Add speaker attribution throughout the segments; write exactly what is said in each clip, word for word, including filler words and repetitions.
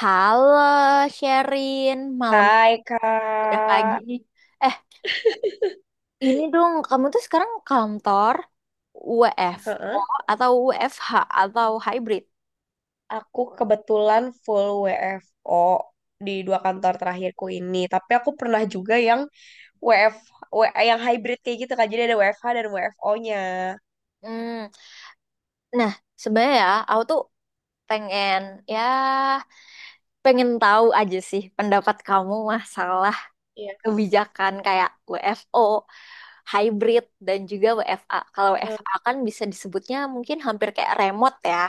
Speaker 1: Halo, Sherin. Malam
Speaker 2: Hai
Speaker 1: udah pagi
Speaker 2: Kak,
Speaker 1: nih. Eh, ini dong, kamu tuh sekarang kantor W F O
Speaker 2: Heeh.
Speaker 1: atau W F H atau hybrid?
Speaker 2: Aku kebetulan full W F O di dua kantor terakhirku ini. Tapi aku pernah juga yang W F, W- yang hybrid kayak gitu, Kak. Jadi ada W F H dan W F O-nya.
Speaker 1: Hmm. Nah, sebenarnya ya, aku tuh pengen ya pengen tahu aja sih pendapat kamu masalah
Speaker 2: Yes.
Speaker 1: kebijakan kayak W F O, hybrid dan juga W F A. Kalau
Speaker 2: Eh,
Speaker 1: W F A kan bisa disebutnya mungkin hampir kayak remote ya.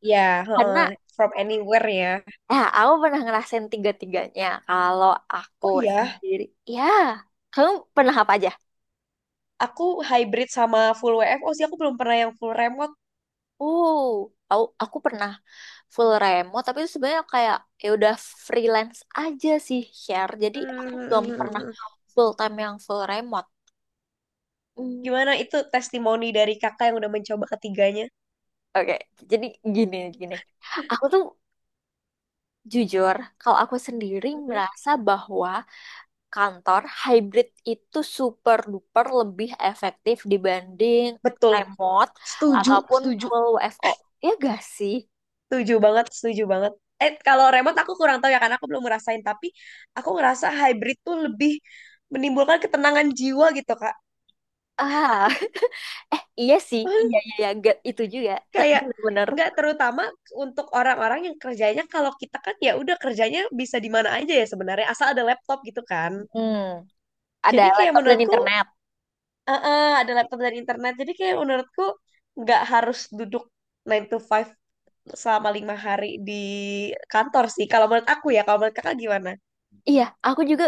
Speaker 2: Ya,
Speaker 1: Karena
Speaker 2: heeh, from anywhere, ya.
Speaker 1: Nah, aku pernah ngerasain tiga-tiganya. Kalau aku
Speaker 2: Oh iya,
Speaker 1: sendiri, ya, kamu pernah apa aja?
Speaker 2: aku hybrid sama full W F O sih. Aku belum pernah yang full remote.
Speaker 1: Uh, aku, aku pernah full remote, tapi itu sebenarnya kayak ya udah freelance aja sih share. Jadi aku belum pernah
Speaker 2: Hmm,
Speaker 1: full time yang full remote. Hmm.
Speaker 2: Gimana itu testimoni dari kakak yang udah mencoba ketiganya?
Speaker 1: Oke, jadi gini gini. Aku tuh jujur, kalau aku sendiri
Speaker 2: Mhm.
Speaker 1: merasa bahwa kantor, hybrid itu super duper lebih efektif dibanding
Speaker 2: Betul.
Speaker 1: remote
Speaker 2: Setuju,
Speaker 1: ataupun
Speaker 2: setuju.
Speaker 1: full W F O. Ya gak sih?
Speaker 2: Setuju banget, setuju banget. Eh, kalau remote aku kurang tahu ya, karena aku belum ngerasain, tapi aku ngerasa hybrid tuh lebih menimbulkan ketenangan jiwa gitu, Kak.
Speaker 1: Ah, eh iya sih, iya iya, iya. Ga- itu juga
Speaker 2: Kayak
Speaker 1: bener-bener.
Speaker 2: nggak, terutama untuk orang-orang yang kerjanya, kalau kita kan ya udah, kerjanya bisa di mana aja ya sebenarnya, asal ada laptop gitu kan.
Speaker 1: Hmm, ada
Speaker 2: Jadi kayak
Speaker 1: laptop dan
Speaker 2: menurutku,
Speaker 1: internet.
Speaker 2: eh, eh, ada laptop dan internet. Jadi kayak menurutku nggak harus duduk nine to five selama lima hari di kantor sih. Kalau menurut aku ya, kalau menurut Kakak gimana?
Speaker 1: Iya, aku juga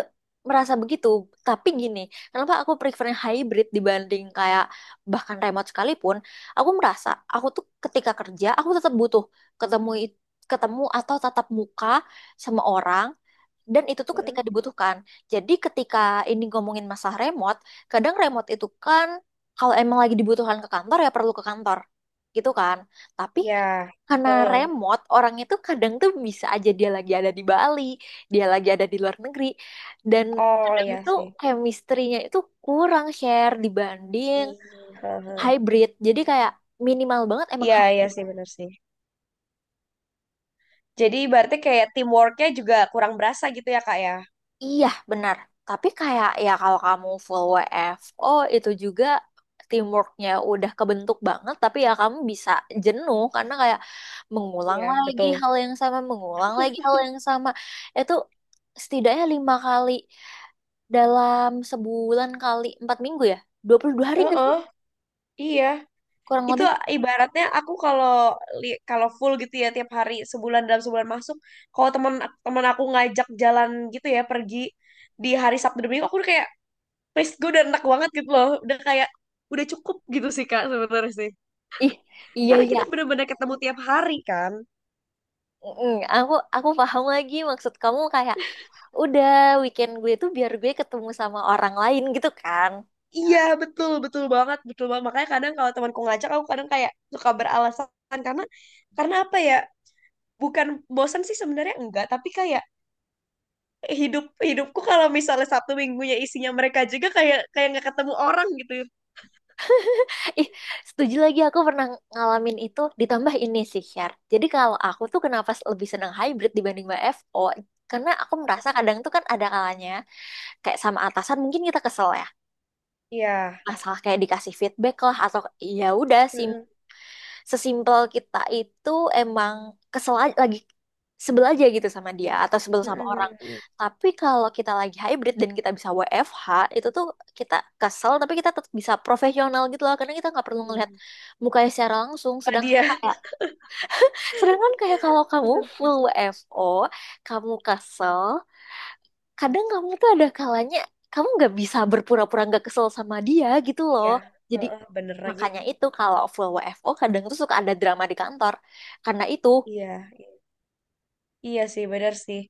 Speaker 1: merasa begitu. Tapi gini, kenapa aku prefernya hybrid dibanding kayak bahkan remote sekalipun? Aku merasa aku tuh ketika kerja aku tetap butuh ketemu it- ketemu atau tatap muka sama orang. Dan itu tuh
Speaker 2: Hmm.
Speaker 1: ketika dibutuhkan. Jadi ketika ini ngomongin masalah remote, kadang remote itu kan kalau emang lagi dibutuhkan ke kantor ya perlu ke kantor. Gitu kan. Tapi
Speaker 2: Ya,
Speaker 1: karena
Speaker 2: heeh.
Speaker 1: remote, orang itu kadang tuh bisa aja dia lagi ada di Bali, dia lagi ada di luar negeri. Dan
Speaker 2: Oh
Speaker 1: kadang
Speaker 2: ya
Speaker 1: tuh
Speaker 2: sih.
Speaker 1: chemistry-nya itu kurang share dibanding
Speaker 2: Iya, heeh.
Speaker 1: hybrid. Jadi kayak minimal banget emang
Speaker 2: Iya, iya
Speaker 1: hybrid.
Speaker 2: sih, benar sih. Jadi berarti kayak teamworknya juga kurang berasa gitu ya, Kak ya?
Speaker 1: Iya, benar. Tapi kayak ya kalau kamu full W F O itu juga teamworknya udah kebentuk banget, tapi ya kamu bisa jenuh karena kayak mengulang
Speaker 2: Iya,
Speaker 1: lagi
Speaker 2: betul.
Speaker 1: hal yang sama, mengulang lagi hal yang sama. Itu setidaknya lima kali dalam sebulan kali empat minggu ya, dua puluh dua hari nggak
Speaker 2: Heeh,
Speaker 1: sih?
Speaker 2: iya.
Speaker 1: Kurang
Speaker 2: Itu
Speaker 1: lebih.
Speaker 2: ibaratnya aku kalau li- kalau full gitu ya, tiap hari sebulan, dalam sebulan masuk. Kalau teman teman aku ngajak jalan gitu ya, pergi di hari Sabtu dan Minggu, aku udah kayak, please, gue udah enak banget gitu loh. Udah kayak udah cukup gitu sih, Kak, sebenarnya sih.
Speaker 1: Ih, iya
Speaker 2: Karena
Speaker 1: iya.
Speaker 2: kita bener-bener ketemu tiap hari kan.
Speaker 1: Mm, aku aku paham lagi maksud kamu kayak udah weekend gue tuh biar gue ketemu sama orang lain gitu kan.
Speaker 2: Iya, betul, betul banget, betul banget. Makanya kadang kalau temanku ngajak, aku kadang kayak suka beralasan karena karena apa ya? Bukan bosan sih sebenarnya, enggak, tapi kayak hidup hidupku kalau misalnya Sabtu minggunya isinya mereka juga, kayak kayak nggak ketemu orang gitu.
Speaker 1: Ih, setuju lagi aku pernah ngalamin itu ditambah ini sih share. Jadi kalau aku tuh kenapa lebih senang hybrid dibanding W F O? Karena aku merasa kadang tuh kan ada kalanya kayak sama atasan mungkin kita kesel ya.
Speaker 2: Iya.
Speaker 1: Masalah kayak dikasih feedback lah atau ya udah si
Speaker 2: Heeh,
Speaker 1: sesimpel kita itu emang kesel aja, lagi sebel aja gitu sama dia atau sebel sama
Speaker 2: heeh, heeh,
Speaker 1: orang.
Speaker 2: heeh.
Speaker 1: Tapi kalau kita lagi hybrid dan kita bisa W F H, itu tuh kita kesel tapi kita tetap bisa profesional gitu loh karena kita nggak perlu ngelihat
Speaker 2: Iya.
Speaker 1: mukanya secara langsung.
Speaker 2: Bukan
Speaker 1: Sedangkan
Speaker 2: dia.
Speaker 1: kayak sedangkan kayak kalau kamu
Speaker 2: Bener
Speaker 1: full
Speaker 2: sih.
Speaker 1: W F O, kamu kesel, kadang kamu tuh ada kalanya kamu nggak bisa berpura-pura nggak kesel sama dia gitu loh.
Speaker 2: Iya.
Speaker 1: Jadi
Speaker 2: Heeh, bener lagi.
Speaker 1: makanya itu kalau full W F O kadang tuh suka ada drama di kantor. Karena itu,
Speaker 2: Iya, iya, iya sih, bener sih.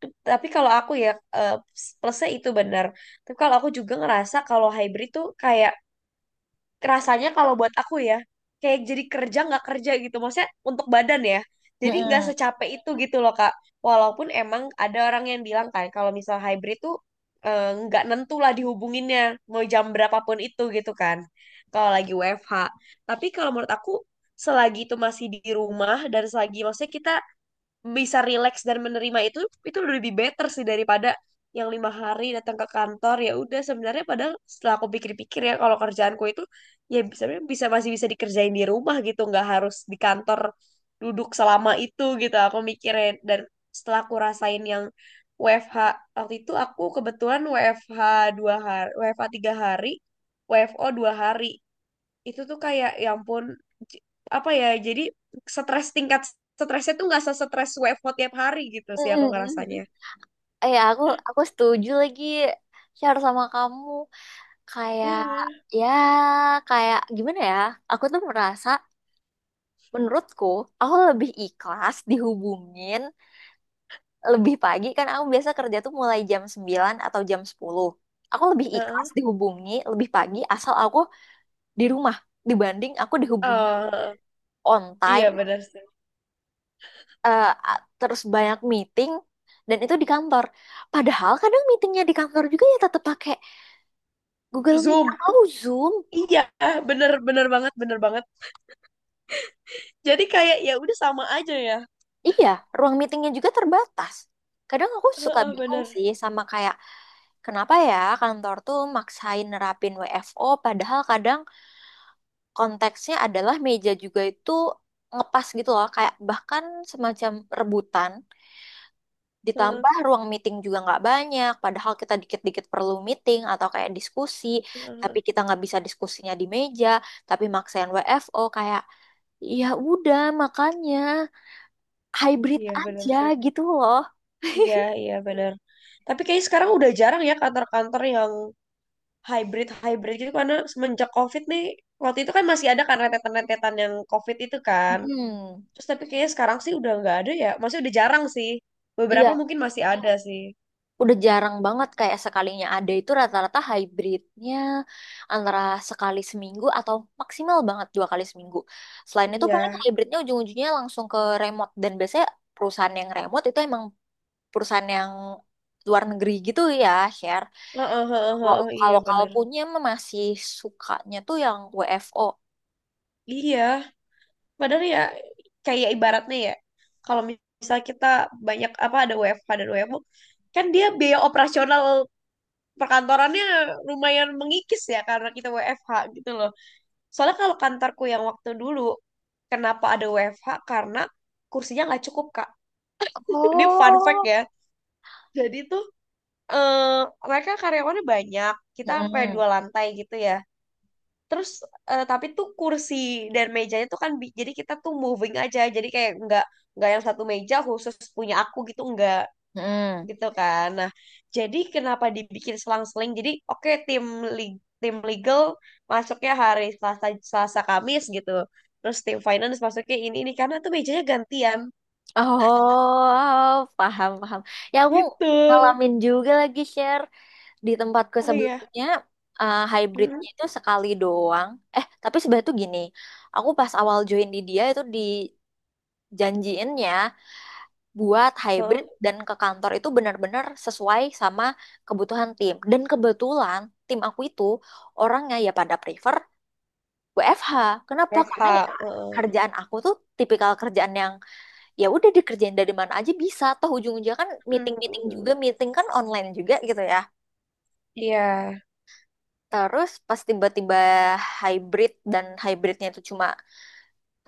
Speaker 2: T- Tapi kalau aku ya, eh, plus- plusnya itu benar. Tapi kalau aku juga ngerasa kalau hybrid tuh kayak, rasanya kalau buat aku ya, kayak jadi kerja nggak kerja gitu, maksudnya untuk badan ya jadi nggak
Speaker 1: mm-mm,
Speaker 2: secapek itu gitu loh, Kak. Walaupun emang ada orang yang bilang kan, kalau misal hybrid tuh eh, nggak nentu lah dihubunginnya, mau jam berapapun itu gitu kan kalau lagi W F H. Tapi kalau menurut aku, selagi itu masih di rumah dan selagi maksudnya kita bisa relax dan menerima itu itu lebih better sih daripada yang lima hari datang ke kantor. Ya udah, sebenarnya padahal setelah aku pikir-pikir ya, kalau kerjaanku itu ya bisa, bisa masih bisa dikerjain di rumah gitu, nggak harus di kantor duduk selama itu gitu. Aku mikirin, dan setelah aku rasain yang W F H, waktu itu aku kebetulan WFH dua hari, W F H tiga hari, W F O dua hari, itu tuh kayak ya ampun, j- apa ya, jadi stres, tingkat stresnya tuh nggak se-stres W F H tiap hari gitu sih, aku ngerasanya.
Speaker 1: mm-mm. Eh, ya aku aku setuju lagi share sama kamu kayak
Speaker 2: Iya.
Speaker 1: ya kayak gimana ya? Aku tuh merasa menurutku aku lebih ikhlas dihubungin lebih pagi kan aku biasa kerja tuh mulai jam sembilan atau jam sepuluh. Aku lebih
Speaker 2: Heeh.
Speaker 1: ikhlas dihubungi lebih pagi asal aku di rumah dibanding aku dihubungi
Speaker 2: Eh,
Speaker 1: on
Speaker 2: iya
Speaker 1: time
Speaker 2: benar sih.
Speaker 1: eh, a- terus banyak meeting dan itu di kantor. Padahal kadang meetingnya di kantor juga ya tetap pakai Google Meet
Speaker 2: Zoom.
Speaker 1: atau Zoom.
Speaker 2: Iya, bener bener banget, bener banget. Jadi kayak ya udah sama aja ya.
Speaker 1: Iya, ruang meetingnya juga terbatas. Kadang aku suka
Speaker 2: Heeh,
Speaker 1: bingung
Speaker 2: bener.
Speaker 1: sih sama kayak kenapa ya kantor tuh maksain nerapin W F O padahal kadang konteksnya adalah meja juga itu ngepas gitu loh kayak bahkan semacam rebutan
Speaker 2: Heeh,
Speaker 1: ditambah ruang meeting juga nggak banyak padahal kita dikit-dikit perlu meeting atau kayak diskusi tapi
Speaker 2: heeh.
Speaker 1: kita nggak bisa diskusinya di meja tapi maksain W F O kayak ya udah makanya hybrid
Speaker 2: Iya bener
Speaker 1: aja
Speaker 2: sih.
Speaker 1: gitu loh.
Speaker 2: Iya, iya bener. Tapi kayaknya sekarang udah jarang ya kantor-kantor yang hybrid hybrid gitu, karena semenjak COVID nih. Waktu itu kan masih ada kan rentetan-rentetan yang COVID itu kan.
Speaker 1: Hmm,
Speaker 2: Terus tapi kayaknya sekarang sih udah nggak ada ya. Maksudnya udah jarang sih. Beberapa
Speaker 1: iya
Speaker 2: mungkin masih ada sih.
Speaker 1: udah jarang banget kayak sekalinya ada itu rata-rata hybridnya antara sekali seminggu atau maksimal banget dua kali seminggu. Selain itu paling
Speaker 2: Iya.
Speaker 1: hybridnya ujung-ujungnya langsung ke remote dan biasanya perusahaan yang remote itu emang perusahaan yang luar negeri gitu ya, share.
Speaker 2: Heeh, heeh,
Speaker 1: Kalau
Speaker 2: heeh, iya
Speaker 1: kalau kalau
Speaker 2: bener.
Speaker 1: punya mah masih sukanya tuh yang W F O.
Speaker 2: Iya. Padahal ya kayak ibaratnya ya, kalau misal kita banyak, apa, ada W F H dan W F O, kan dia biaya operasional perkantorannya lumayan mengikis ya, karena kita W F H gitu loh. Soalnya kalau kantorku yang waktu dulu, kenapa ada W F H? Karena kursinya nggak cukup, Kak. Ini fun fact
Speaker 1: Oh,
Speaker 2: ya. Jadi tuh, eh mereka karyawannya banyak, kita sampai
Speaker 1: mm-mm.
Speaker 2: dua lantai gitu ya. Terus eh, tapi tuh kursi dan mejanya tuh kan, bi- jadi kita tuh moving aja, jadi kayak nggak nggak yang satu meja khusus punya aku gitu, nggak
Speaker 1: Mm-mm.
Speaker 2: gitu kan. Nah, jadi kenapa dibikin selang-seling? Jadi oke tim, li- tim legal masuknya hari Selasa, Selasa Kamis gitu. Terus tim finance masuknya ini ini karena tuh mejanya gantian
Speaker 1: Oh, paham, paham. Ya, aku
Speaker 2: gitu.
Speaker 1: ngalamin juga lagi share. Di tempatku
Speaker 2: Oh iya.
Speaker 1: sebelumnya eh, hybridnya
Speaker 2: Hmm.
Speaker 1: itu sekali doang. Eh, tapi sebenarnya tuh gini, aku pas awal join di dia itu dijanjiinnya buat
Speaker 2: Huh?
Speaker 1: hybrid dan ke kantor itu benar-benar sesuai sama kebutuhan tim. Dan kebetulan tim aku itu orangnya ya pada prefer W F H. Kenapa? Karena
Speaker 2: F H.
Speaker 1: ya
Speaker 2: Heeh.
Speaker 1: kerjaan aku tuh tipikal kerjaan yang ya udah dikerjain dari mana aja bisa. Toh ujung-ujungnya kan
Speaker 2: Hmm. Hmm,
Speaker 1: meeting-meeting juga,
Speaker 2: hmm.
Speaker 1: meeting kan online juga gitu ya.
Speaker 2: Iya.
Speaker 1: Terus pas tiba-tiba hybrid dan hybridnya itu cuma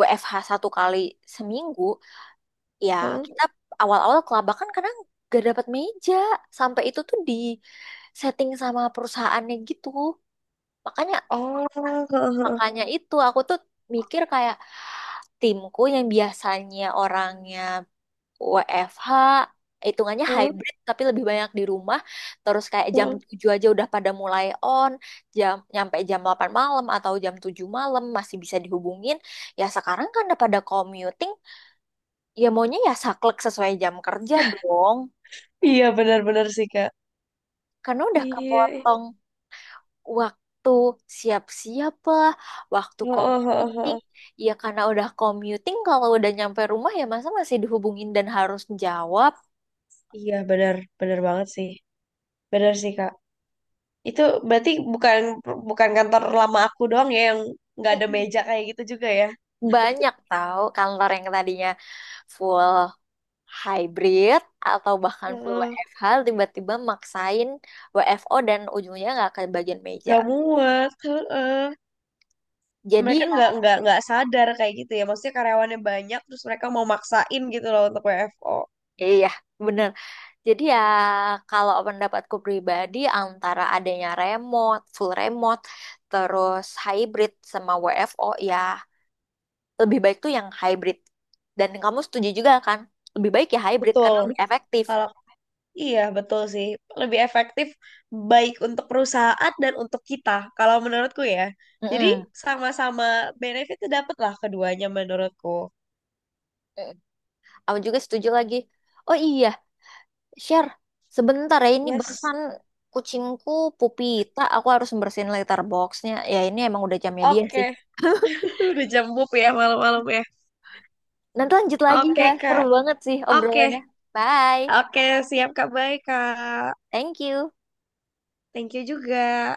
Speaker 1: W F H satu kali seminggu, ya
Speaker 2: Heeh.
Speaker 1: kita awal-awal kelabakan karena gak dapat meja. Sampai itu tuh di setting sama perusahaannya gitu. Makanya
Speaker 2: Oh, heeh, heeh, heeh,
Speaker 1: makanya itu aku tuh mikir kayak timku yang biasanya orangnya W F H hitungannya hybrid tapi lebih banyak di rumah terus kayak jam
Speaker 2: heeh.
Speaker 1: tujuh aja udah pada mulai on jam nyampe jam delapan malam atau jam tujuh malam masih bisa dihubungin ya sekarang kan udah pada commuting ya maunya ya saklek sesuai jam kerja dong
Speaker 2: Iya benar-benar sih, Kak.
Speaker 1: karena udah
Speaker 2: Iya, ih.
Speaker 1: kepotong waktu siap-siap lah waktu
Speaker 2: Heeh, heeh,
Speaker 1: commuting
Speaker 2: heeh.
Speaker 1: ya karena udah commuting kalau udah nyampe rumah ya masa masih dihubungin dan harus jawab.
Speaker 2: Iya benar, benar banget sih. Benar sih, Kak. Itu berarti bukan, bukan kantor lama aku doang ya yang nggak ada meja kayak gitu juga ya.
Speaker 1: Banyak tahu kantor yang tadinya full hybrid atau bahkan full
Speaker 2: Heeh.
Speaker 1: W F H tiba-tiba maksain W F O dan ujungnya nggak ke bagian meja.
Speaker 2: Nggak muat. Heeh.
Speaker 1: Jadi
Speaker 2: Mereka
Speaker 1: ya,
Speaker 2: nggak, nggak nggak sadar kayak gitu ya. Maksudnya karyawannya banyak, terus mereka mau maksain gitu loh untuk W F O.
Speaker 1: iya iya, bener. Jadi ya kalau pendapatku pribadi antara adanya remote, full remote, terus hybrid sama W F O ya lebih baik tuh yang hybrid. Dan kamu setuju juga kan? Lebih baik ya hybrid
Speaker 2: Betul.
Speaker 1: karena lebih efektif.
Speaker 2: kalau Iya, betul sih. Lebih efektif, baik untuk perusahaan dan untuk kita, kalau menurutku ya. Jadi
Speaker 1: Mm-mm.
Speaker 2: sama-sama benefitnya dapat lah keduanya, menurutku.
Speaker 1: Mm-mm. Aku juga setuju lagi. Oh iya, Share, sebentar ya ini
Speaker 2: Yes.
Speaker 1: barusan kucingku Pupita, aku harus bersihin letterboxnya. Ya ini emang udah jamnya dia
Speaker 2: Oke.
Speaker 1: sih.
Speaker 2: Udah jam bub ya, malam-malam ya.
Speaker 1: Nanti lanjut lagi
Speaker 2: Oke,
Speaker 1: ya, seru
Speaker 2: Kak.
Speaker 1: banget sih obrolannya.
Speaker 2: Oke.
Speaker 1: Bye,
Speaker 2: Oke, siap, Kak. Baik, Kak.
Speaker 1: thank you.
Speaker 2: Thank you juga.